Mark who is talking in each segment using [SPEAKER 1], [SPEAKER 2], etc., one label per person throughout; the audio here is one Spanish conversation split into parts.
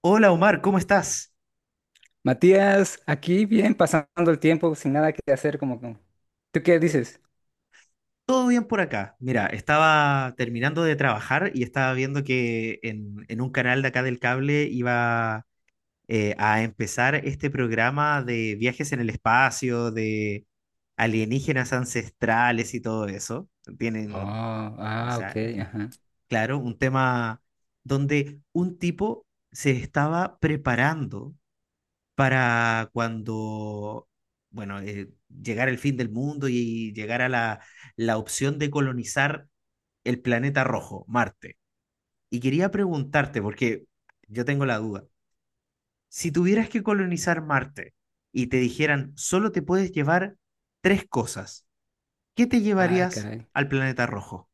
[SPEAKER 1] Hola Omar, ¿cómo estás?
[SPEAKER 2] Matías, aquí bien pasando el tiempo sin nada que hacer, como que- ¿Tú qué dices?
[SPEAKER 1] ¿Todo bien por acá? Mira, estaba terminando de trabajar y estaba viendo que en un canal de acá del cable iba a empezar este programa de viajes en el espacio, de alienígenas ancestrales y todo eso. Tienen,
[SPEAKER 2] Oh,
[SPEAKER 1] o
[SPEAKER 2] ah, ok,
[SPEAKER 1] sea,
[SPEAKER 2] ajá.
[SPEAKER 1] claro, un tema donde un tipo se estaba preparando para cuando, bueno, llegar el fin del mundo y llegar a la opción de colonizar el planeta rojo, Marte. Y quería preguntarte, porque yo tengo la duda, si tuvieras que colonizar Marte y te dijeran, solo te puedes llevar tres cosas, ¿qué te
[SPEAKER 2] Ay,
[SPEAKER 1] llevarías
[SPEAKER 2] caray.
[SPEAKER 1] al planeta rojo?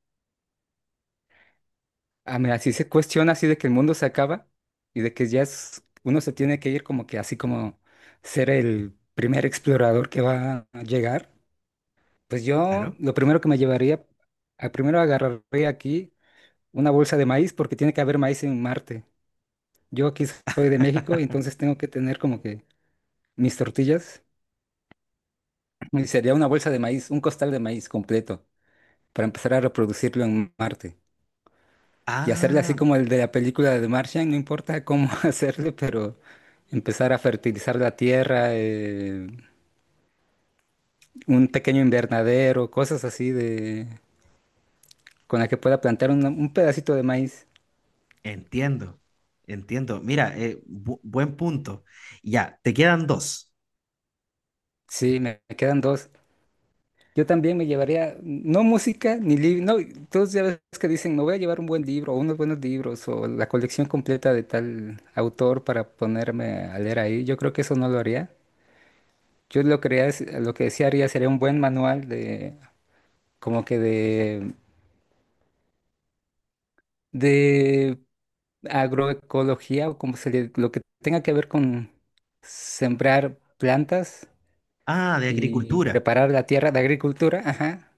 [SPEAKER 2] Ah, mira, si se cuestiona así de que el mundo se acaba y de que ya es- uno se tiene que ir como que así como ser el primer explorador que va a llegar, pues yo
[SPEAKER 1] Claro.
[SPEAKER 2] lo primero que me llevaría, a- primero agarraría aquí una bolsa de maíz porque tiene que haber maíz en Marte. Yo aquí soy de México y entonces tengo que tener como que mis tortillas. Y sería una bolsa de maíz, un costal de maíz completo, para empezar a reproducirlo en Marte. Y hacerle así
[SPEAKER 1] Ah,
[SPEAKER 2] como el de la película de Martian, no importa cómo hacerle, pero empezar a fertilizar la tierra, un pequeño invernadero, cosas así de con la que pueda plantar una- un pedacito de maíz.
[SPEAKER 1] entiendo, entiendo. Mira, buen punto. Ya, te quedan dos.
[SPEAKER 2] Sí, me quedan dos. Yo también me llevaría, no música ni libro, no, todos ya ves que dicen, me voy a llevar un buen libro o unos buenos libros o la colección completa de tal autor para ponerme a leer ahí. Yo creo que eso no lo haría. Yo lo, que haría es- lo que sí haría sería un buen manual de, como que de agroecología o como se le, lo que tenga que ver con sembrar plantas
[SPEAKER 1] Ah, de
[SPEAKER 2] y
[SPEAKER 1] agricultura.
[SPEAKER 2] preparar la tierra de agricultura, ajá.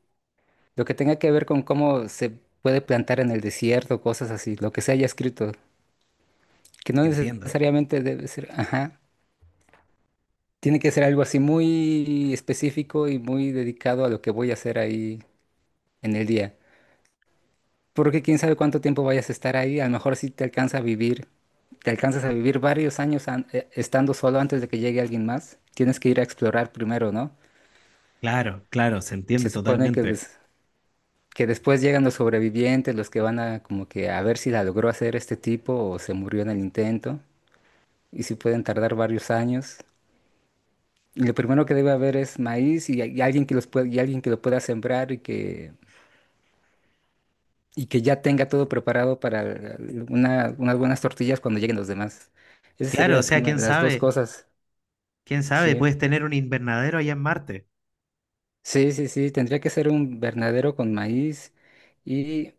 [SPEAKER 2] Lo que tenga que ver con cómo se puede plantar en el desierto, cosas así, lo que se haya escrito, que no
[SPEAKER 1] Entiendo.
[SPEAKER 2] necesariamente debe ser, ajá, tiene que ser algo así muy específico y muy dedicado a lo que voy a hacer ahí en el día. Porque quién sabe cuánto tiempo vayas a estar ahí, a lo mejor si te alcanza a vivir, te alcanzas a vivir varios años an- estando solo antes de que llegue alguien más, tienes que ir a explorar primero, ¿no?
[SPEAKER 1] Claro, claro, se entiende
[SPEAKER 2] Se supone que
[SPEAKER 1] totalmente.
[SPEAKER 2] des- que después llegan los sobrevivientes, los que van a como que a ver si la logró hacer este tipo o se murió en el intento, y si pueden tardar varios años. Y lo primero que debe haber es maíz y alguien que los pueda, y alguien que lo pueda sembrar y que ya tenga todo preparado para el- una- unas buenas tortillas cuando lleguen los demás. Esas
[SPEAKER 1] Claro,
[SPEAKER 2] serían
[SPEAKER 1] o
[SPEAKER 2] la
[SPEAKER 1] sea,
[SPEAKER 2] prima- las dos cosas,
[SPEAKER 1] quién sabe,
[SPEAKER 2] ¿sí?
[SPEAKER 1] puedes tener un invernadero allá en Marte.
[SPEAKER 2] Sí, sí, sí, tendría que ser un invernadero con maíz y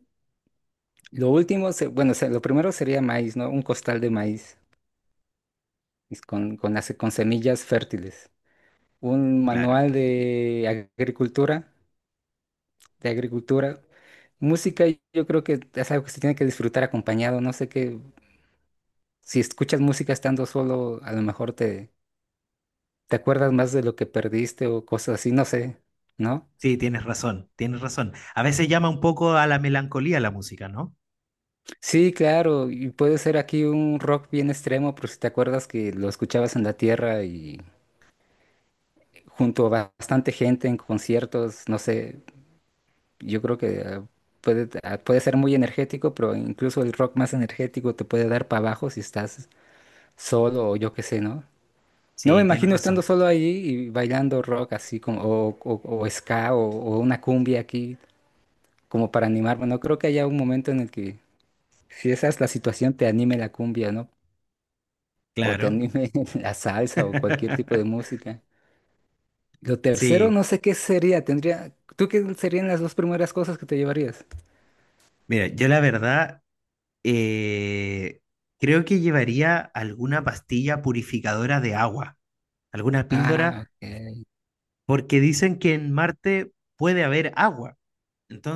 [SPEAKER 2] lo último, se- bueno, se- lo primero sería maíz, ¿no? Un costal de maíz. Es con, las- con semillas fértiles. Un
[SPEAKER 1] Claro.
[SPEAKER 2] manual de agricultura, de agricultura. Música, yo creo que es algo que se tiene que disfrutar acompañado. No sé qué, si escuchas música estando solo, a lo mejor te, te acuerdas más de lo que perdiste o cosas así, no sé, ¿no?
[SPEAKER 1] Sí, tienes razón, tienes razón. A veces llama un poco a la melancolía la música, ¿no?
[SPEAKER 2] Sí, claro, y puede ser aquí un rock bien extremo, pero si te acuerdas que lo escuchabas en la tierra y junto a bastante gente en conciertos, no sé, yo creo que puede, puede ser muy energético, pero incluso el rock más energético te puede dar para abajo si estás solo o yo qué sé, ¿no? No me
[SPEAKER 1] Sí, tienes
[SPEAKER 2] imagino estando
[SPEAKER 1] razón.
[SPEAKER 2] solo ahí y bailando rock así como, o ska o una cumbia aquí como para animarme. No creo que haya un momento en el que si esa es la situación te anime la cumbia, ¿no? O te
[SPEAKER 1] Claro.
[SPEAKER 2] anime la salsa o cualquier tipo de música. Lo tercero,
[SPEAKER 1] Sí.
[SPEAKER 2] no sé qué sería. Tendría, ¿tú qué serían las dos primeras cosas que te llevarías?
[SPEAKER 1] Mira, yo la verdad eh, creo que llevaría alguna pastilla purificadora de agua, alguna
[SPEAKER 2] Ah,
[SPEAKER 1] píldora,
[SPEAKER 2] ok.
[SPEAKER 1] porque dicen que en Marte puede haber agua.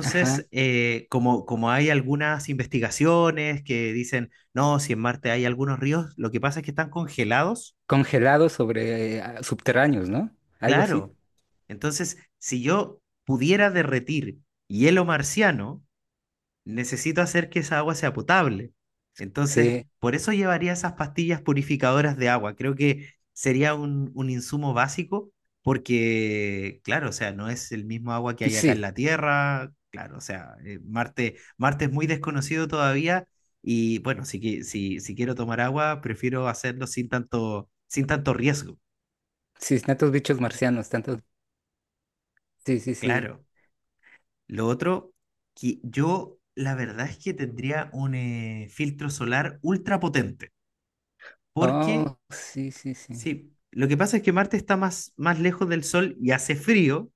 [SPEAKER 2] Ajá.
[SPEAKER 1] como hay algunas investigaciones que dicen, no, si en Marte hay algunos ríos, lo que pasa es que están congelados,
[SPEAKER 2] Congelados sobre subterráneos, ¿no? Algo así.
[SPEAKER 1] claro. Entonces, si yo pudiera derretir hielo marciano, necesito hacer que esa agua sea potable. Entonces,
[SPEAKER 2] Sí,
[SPEAKER 1] por eso llevaría esas pastillas purificadoras de agua. Creo que sería un insumo básico porque, claro, o sea, no es el mismo agua que hay acá en
[SPEAKER 2] sí,
[SPEAKER 1] la Tierra. Claro, o sea, Marte, Marte es muy desconocido todavía y bueno, si quiero tomar agua, prefiero hacerlo sin tanto riesgo.
[SPEAKER 2] sí, tantos bichos
[SPEAKER 1] Ujú.
[SPEAKER 2] marcianos, tantos. Sí, sí, sí.
[SPEAKER 1] Claro. Lo otro, que yo la verdad es que tendría un filtro solar ultra potente. Porque,
[SPEAKER 2] Oh, sí, sí, sí.
[SPEAKER 1] sí, lo que pasa es que Marte está más lejos del Sol y hace frío,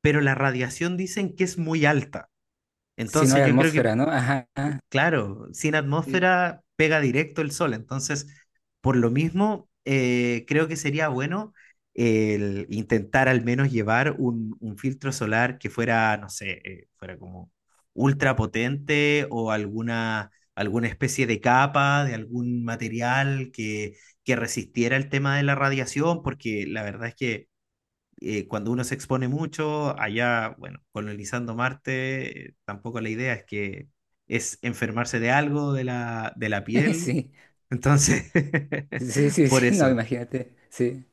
[SPEAKER 1] pero la radiación dicen que es muy alta.
[SPEAKER 2] Si no
[SPEAKER 1] Entonces
[SPEAKER 2] hay
[SPEAKER 1] yo creo que
[SPEAKER 2] atmósfera, ¿no? Ajá,
[SPEAKER 1] claro, sin
[SPEAKER 2] sí.
[SPEAKER 1] atmósfera pega directo el sol, entonces por lo mismo creo que sería bueno el intentar al menos llevar un filtro solar que fuera, no sé, fuera como ultra potente o alguna especie de capa de algún material que resistiera el tema de la radiación, porque la verdad es que cuando uno se expone mucho, allá, bueno, colonizando Marte, tampoco la idea es que es enfermarse de algo de de la piel. Entonces,
[SPEAKER 2] Sí, sí, sí,
[SPEAKER 1] por
[SPEAKER 2] sí, no,
[SPEAKER 1] eso,
[SPEAKER 2] imagínate. Sí.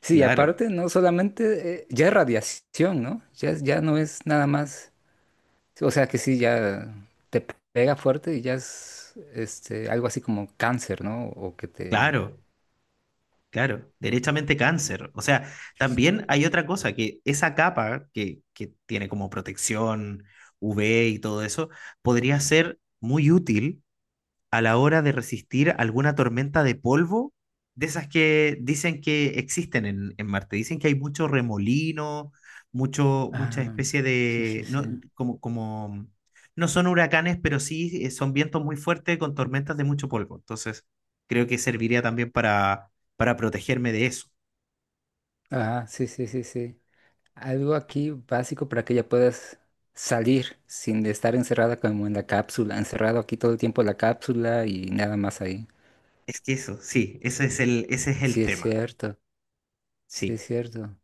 [SPEAKER 2] Sí, y
[SPEAKER 1] claro,
[SPEAKER 2] aparte, no solamente, ya es radiación, ¿no? Ya, es- ya no es nada más. O sea que sí, ya te pega fuerte y ya es este, algo así como cáncer, ¿no? O que te.
[SPEAKER 1] claro, claro, derechamente cáncer. O sea, también hay otra cosa, que esa capa que tiene como protección UV y todo eso, podría ser muy útil a la hora de resistir alguna tormenta de polvo, de esas que dicen que existen en Marte. Dicen que hay mucho remolino, mucha
[SPEAKER 2] Ah,
[SPEAKER 1] especie
[SPEAKER 2] sí, sí,
[SPEAKER 1] de,
[SPEAKER 2] sí.
[SPEAKER 1] no, como, como, no son huracanes, pero sí son vientos muy fuertes con tormentas de mucho polvo. Entonces, creo que serviría también para protegerme de eso.
[SPEAKER 2] Ajá, sí, sí, sí, sí. Algo aquí básico para que ya puedas salir sin estar encerrada como en la cápsula, encerrado aquí todo el tiempo en la cápsula y nada más ahí.
[SPEAKER 1] Es que eso, sí, ese es ese es el
[SPEAKER 2] Sí, es
[SPEAKER 1] tema.
[SPEAKER 2] cierto, sí,
[SPEAKER 1] Sí.
[SPEAKER 2] es cierto.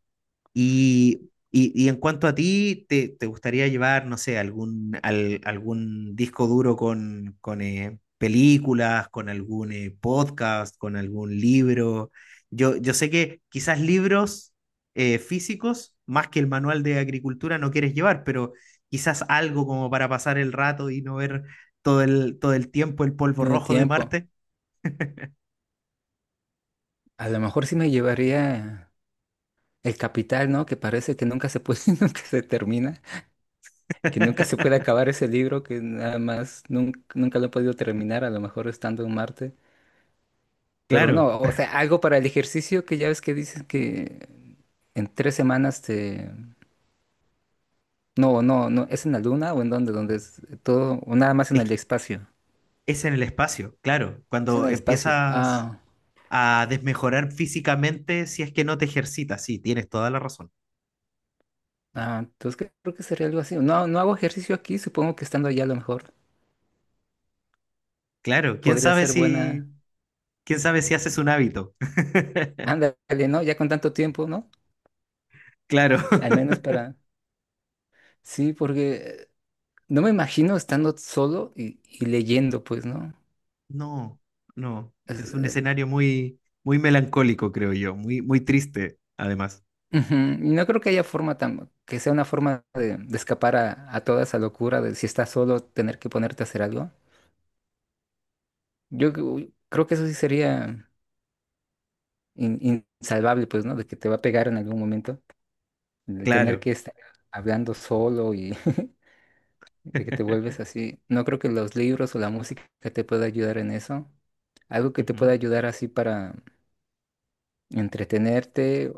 [SPEAKER 1] Y en cuanto a ti, ¿te, te gustaría llevar, no sé, algún disco duro con películas, con algún podcast, con algún libro? Yo sé que quizás libros físicos, más que el manual de agricultura, no quieres llevar, pero quizás algo como para pasar el rato y no ver todo el tiempo el polvo
[SPEAKER 2] Yo el
[SPEAKER 1] rojo de
[SPEAKER 2] tiempo,
[SPEAKER 1] Marte.
[SPEAKER 2] a lo mejor sí me llevaría el capital, ¿no? Que parece que nunca se puede, nunca se termina, que nunca se puede acabar ese libro, que nada más nun- nunca, lo he podido terminar, a lo mejor estando en Marte. Pero
[SPEAKER 1] Claro,
[SPEAKER 2] no, o sea, algo para el ejercicio que ya ves que dicen que en 3 semanas te... No, no, no, ¿es en la luna o en dónde? ¿Dónde es todo? O nada más en el
[SPEAKER 1] es,
[SPEAKER 2] espacio.
[SPEAKER 1] es en el espacio, claro.
[SPEAKER 2] Es en
[SPEAKER 1] Cuando
[SPEAKER 2] el espacio.
[SPEAKER 1] empiezas...
[SPEAKER 2] Ah,
[SPEAKER 1] a desmejorar físicamente si es que no te ejercitas. Sí, tienes toda la razón.
[SPEAKER 2] ah, entonces que- creo que sería algo así. No, no hago ejercicio aquí, supongo que estando allá a lo mejor
[SPEAKER 1] Claro,
[SPEAKER 2] podría ser buena.
[SPEAKER 1] quién sabe si haces un hábito.
[SPEAKER 2] Ándale, ¿no? Ya con tanto tiempo, ¿no?
[SPEAKER 1] Claro.
[SPEAKER 2] Al menos para... Sí, porque no me imagino estando solo y leyendo, pues, ¿no?
[SPEAKER 1] No, no, es un
[SPEAKER 2] Es-
[SPEAKER 1] escenario muy melancólico, creo yo, muy triste, además.
[SPEAKER 2] ujú, y no creo que haya forma tan, que sea una forma de escapar a toda esa locura de si estás solo tener que ponerte a hacer algo. Yo cre- creo que eso sí sería in- insalvable, pues, ¿no? De que te va a pegar en algún momento. El tener
[SPEAKER 1] Claro.
[SPEAKER 2] que estar hablando solo y de que te vuelves así. No creo que los libros o la música te pueda ayudar en eso. Algo que te
[SPEAKER 1] Ujú.
[SPEAKER 2] pueda ayudar así para entretenerte.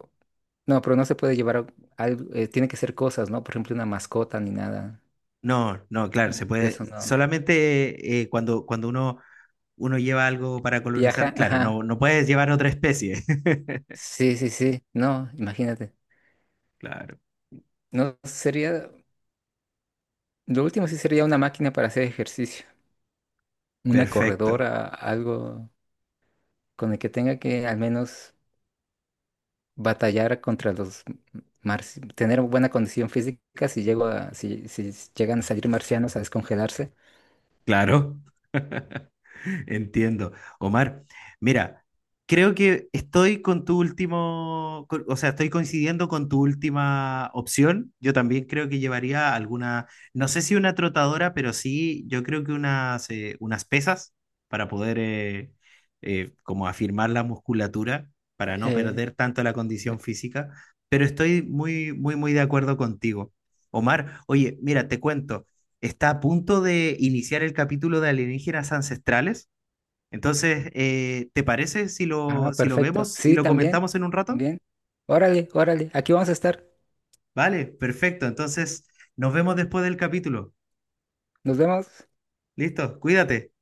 [SPEAKER 2] No, pero no se puede llevar a- algo, tiene que ser cosas, ¿no? Por ejemplo, una mascota ni nada.
[SPEAKER 1] No, no, claro, se
[SPEAKER 2] Mm,
[SPEAKER 1] puede.
[SPEAKER 2] eso no.
[SPEAKER 1] Solamente cuando uno, uno lleva algo para
[SPEAKER 2] Viaja,
[SPEAKER 1] colonizar, claro, no,
[SPEAKER 2] ajá.
[SPEAKER 1] no puedes llevar otra especie.
[SPEAKER 2] Sí, sí, sí. No, imagínate.
[SPEAKER 1] Claro,
[SPEAKER 2] No sería, lo último sí sería una máquina para hacer ejercicio, una
[SPEAKER 1] perfecto.
[SPEAKER 2] corredora, algo con el que tenga que al menos batallar contra los marci- tener buena condición física si llego a, si, si llegan a salir marcianos a descongelarse.
[SPEAKER 1] Claro. Entiendo. Omar, mira, creo que estoy con tu último, con- o sea, estoy coincidiendo con tu última opción. Yo también creo que llevaría alguna, no sé si una trotadora, pero sí, yo creo que unas, unas pesas para poder como afirmar la musculatura, para no
[SPEAKER 2] Eh,
[SPEAKER 1] perder tanto la condición física. Pero estoy muy, muy, muy de acuerdo contigo. Omar, oye, mira, te cuento, está a punto de iniciar el capítulo de alienígenas ancestrales. Entonces, ¿te parece si
[SPEAKER 2] ah,
[SPEAKER 1] lo, si lo
[SPEAKER 2] perfecto.
[SPEAKER 1] vemos y
[SPEAKER 2] Sí,
[SPEAKER 1] lo
[SPEAKER 2] también,
[SPEAKER 1] comentamos en un rato?
[SPEAKER 2] también. Órale, órale, aquí vamos a estar.
[SPEAKER 1] Vale, perfecto. Entonces, nos vemos después del capítulo.
[SPEAKER 2] Nos vemos.
[SPEAKER 1] Listo, cuídate.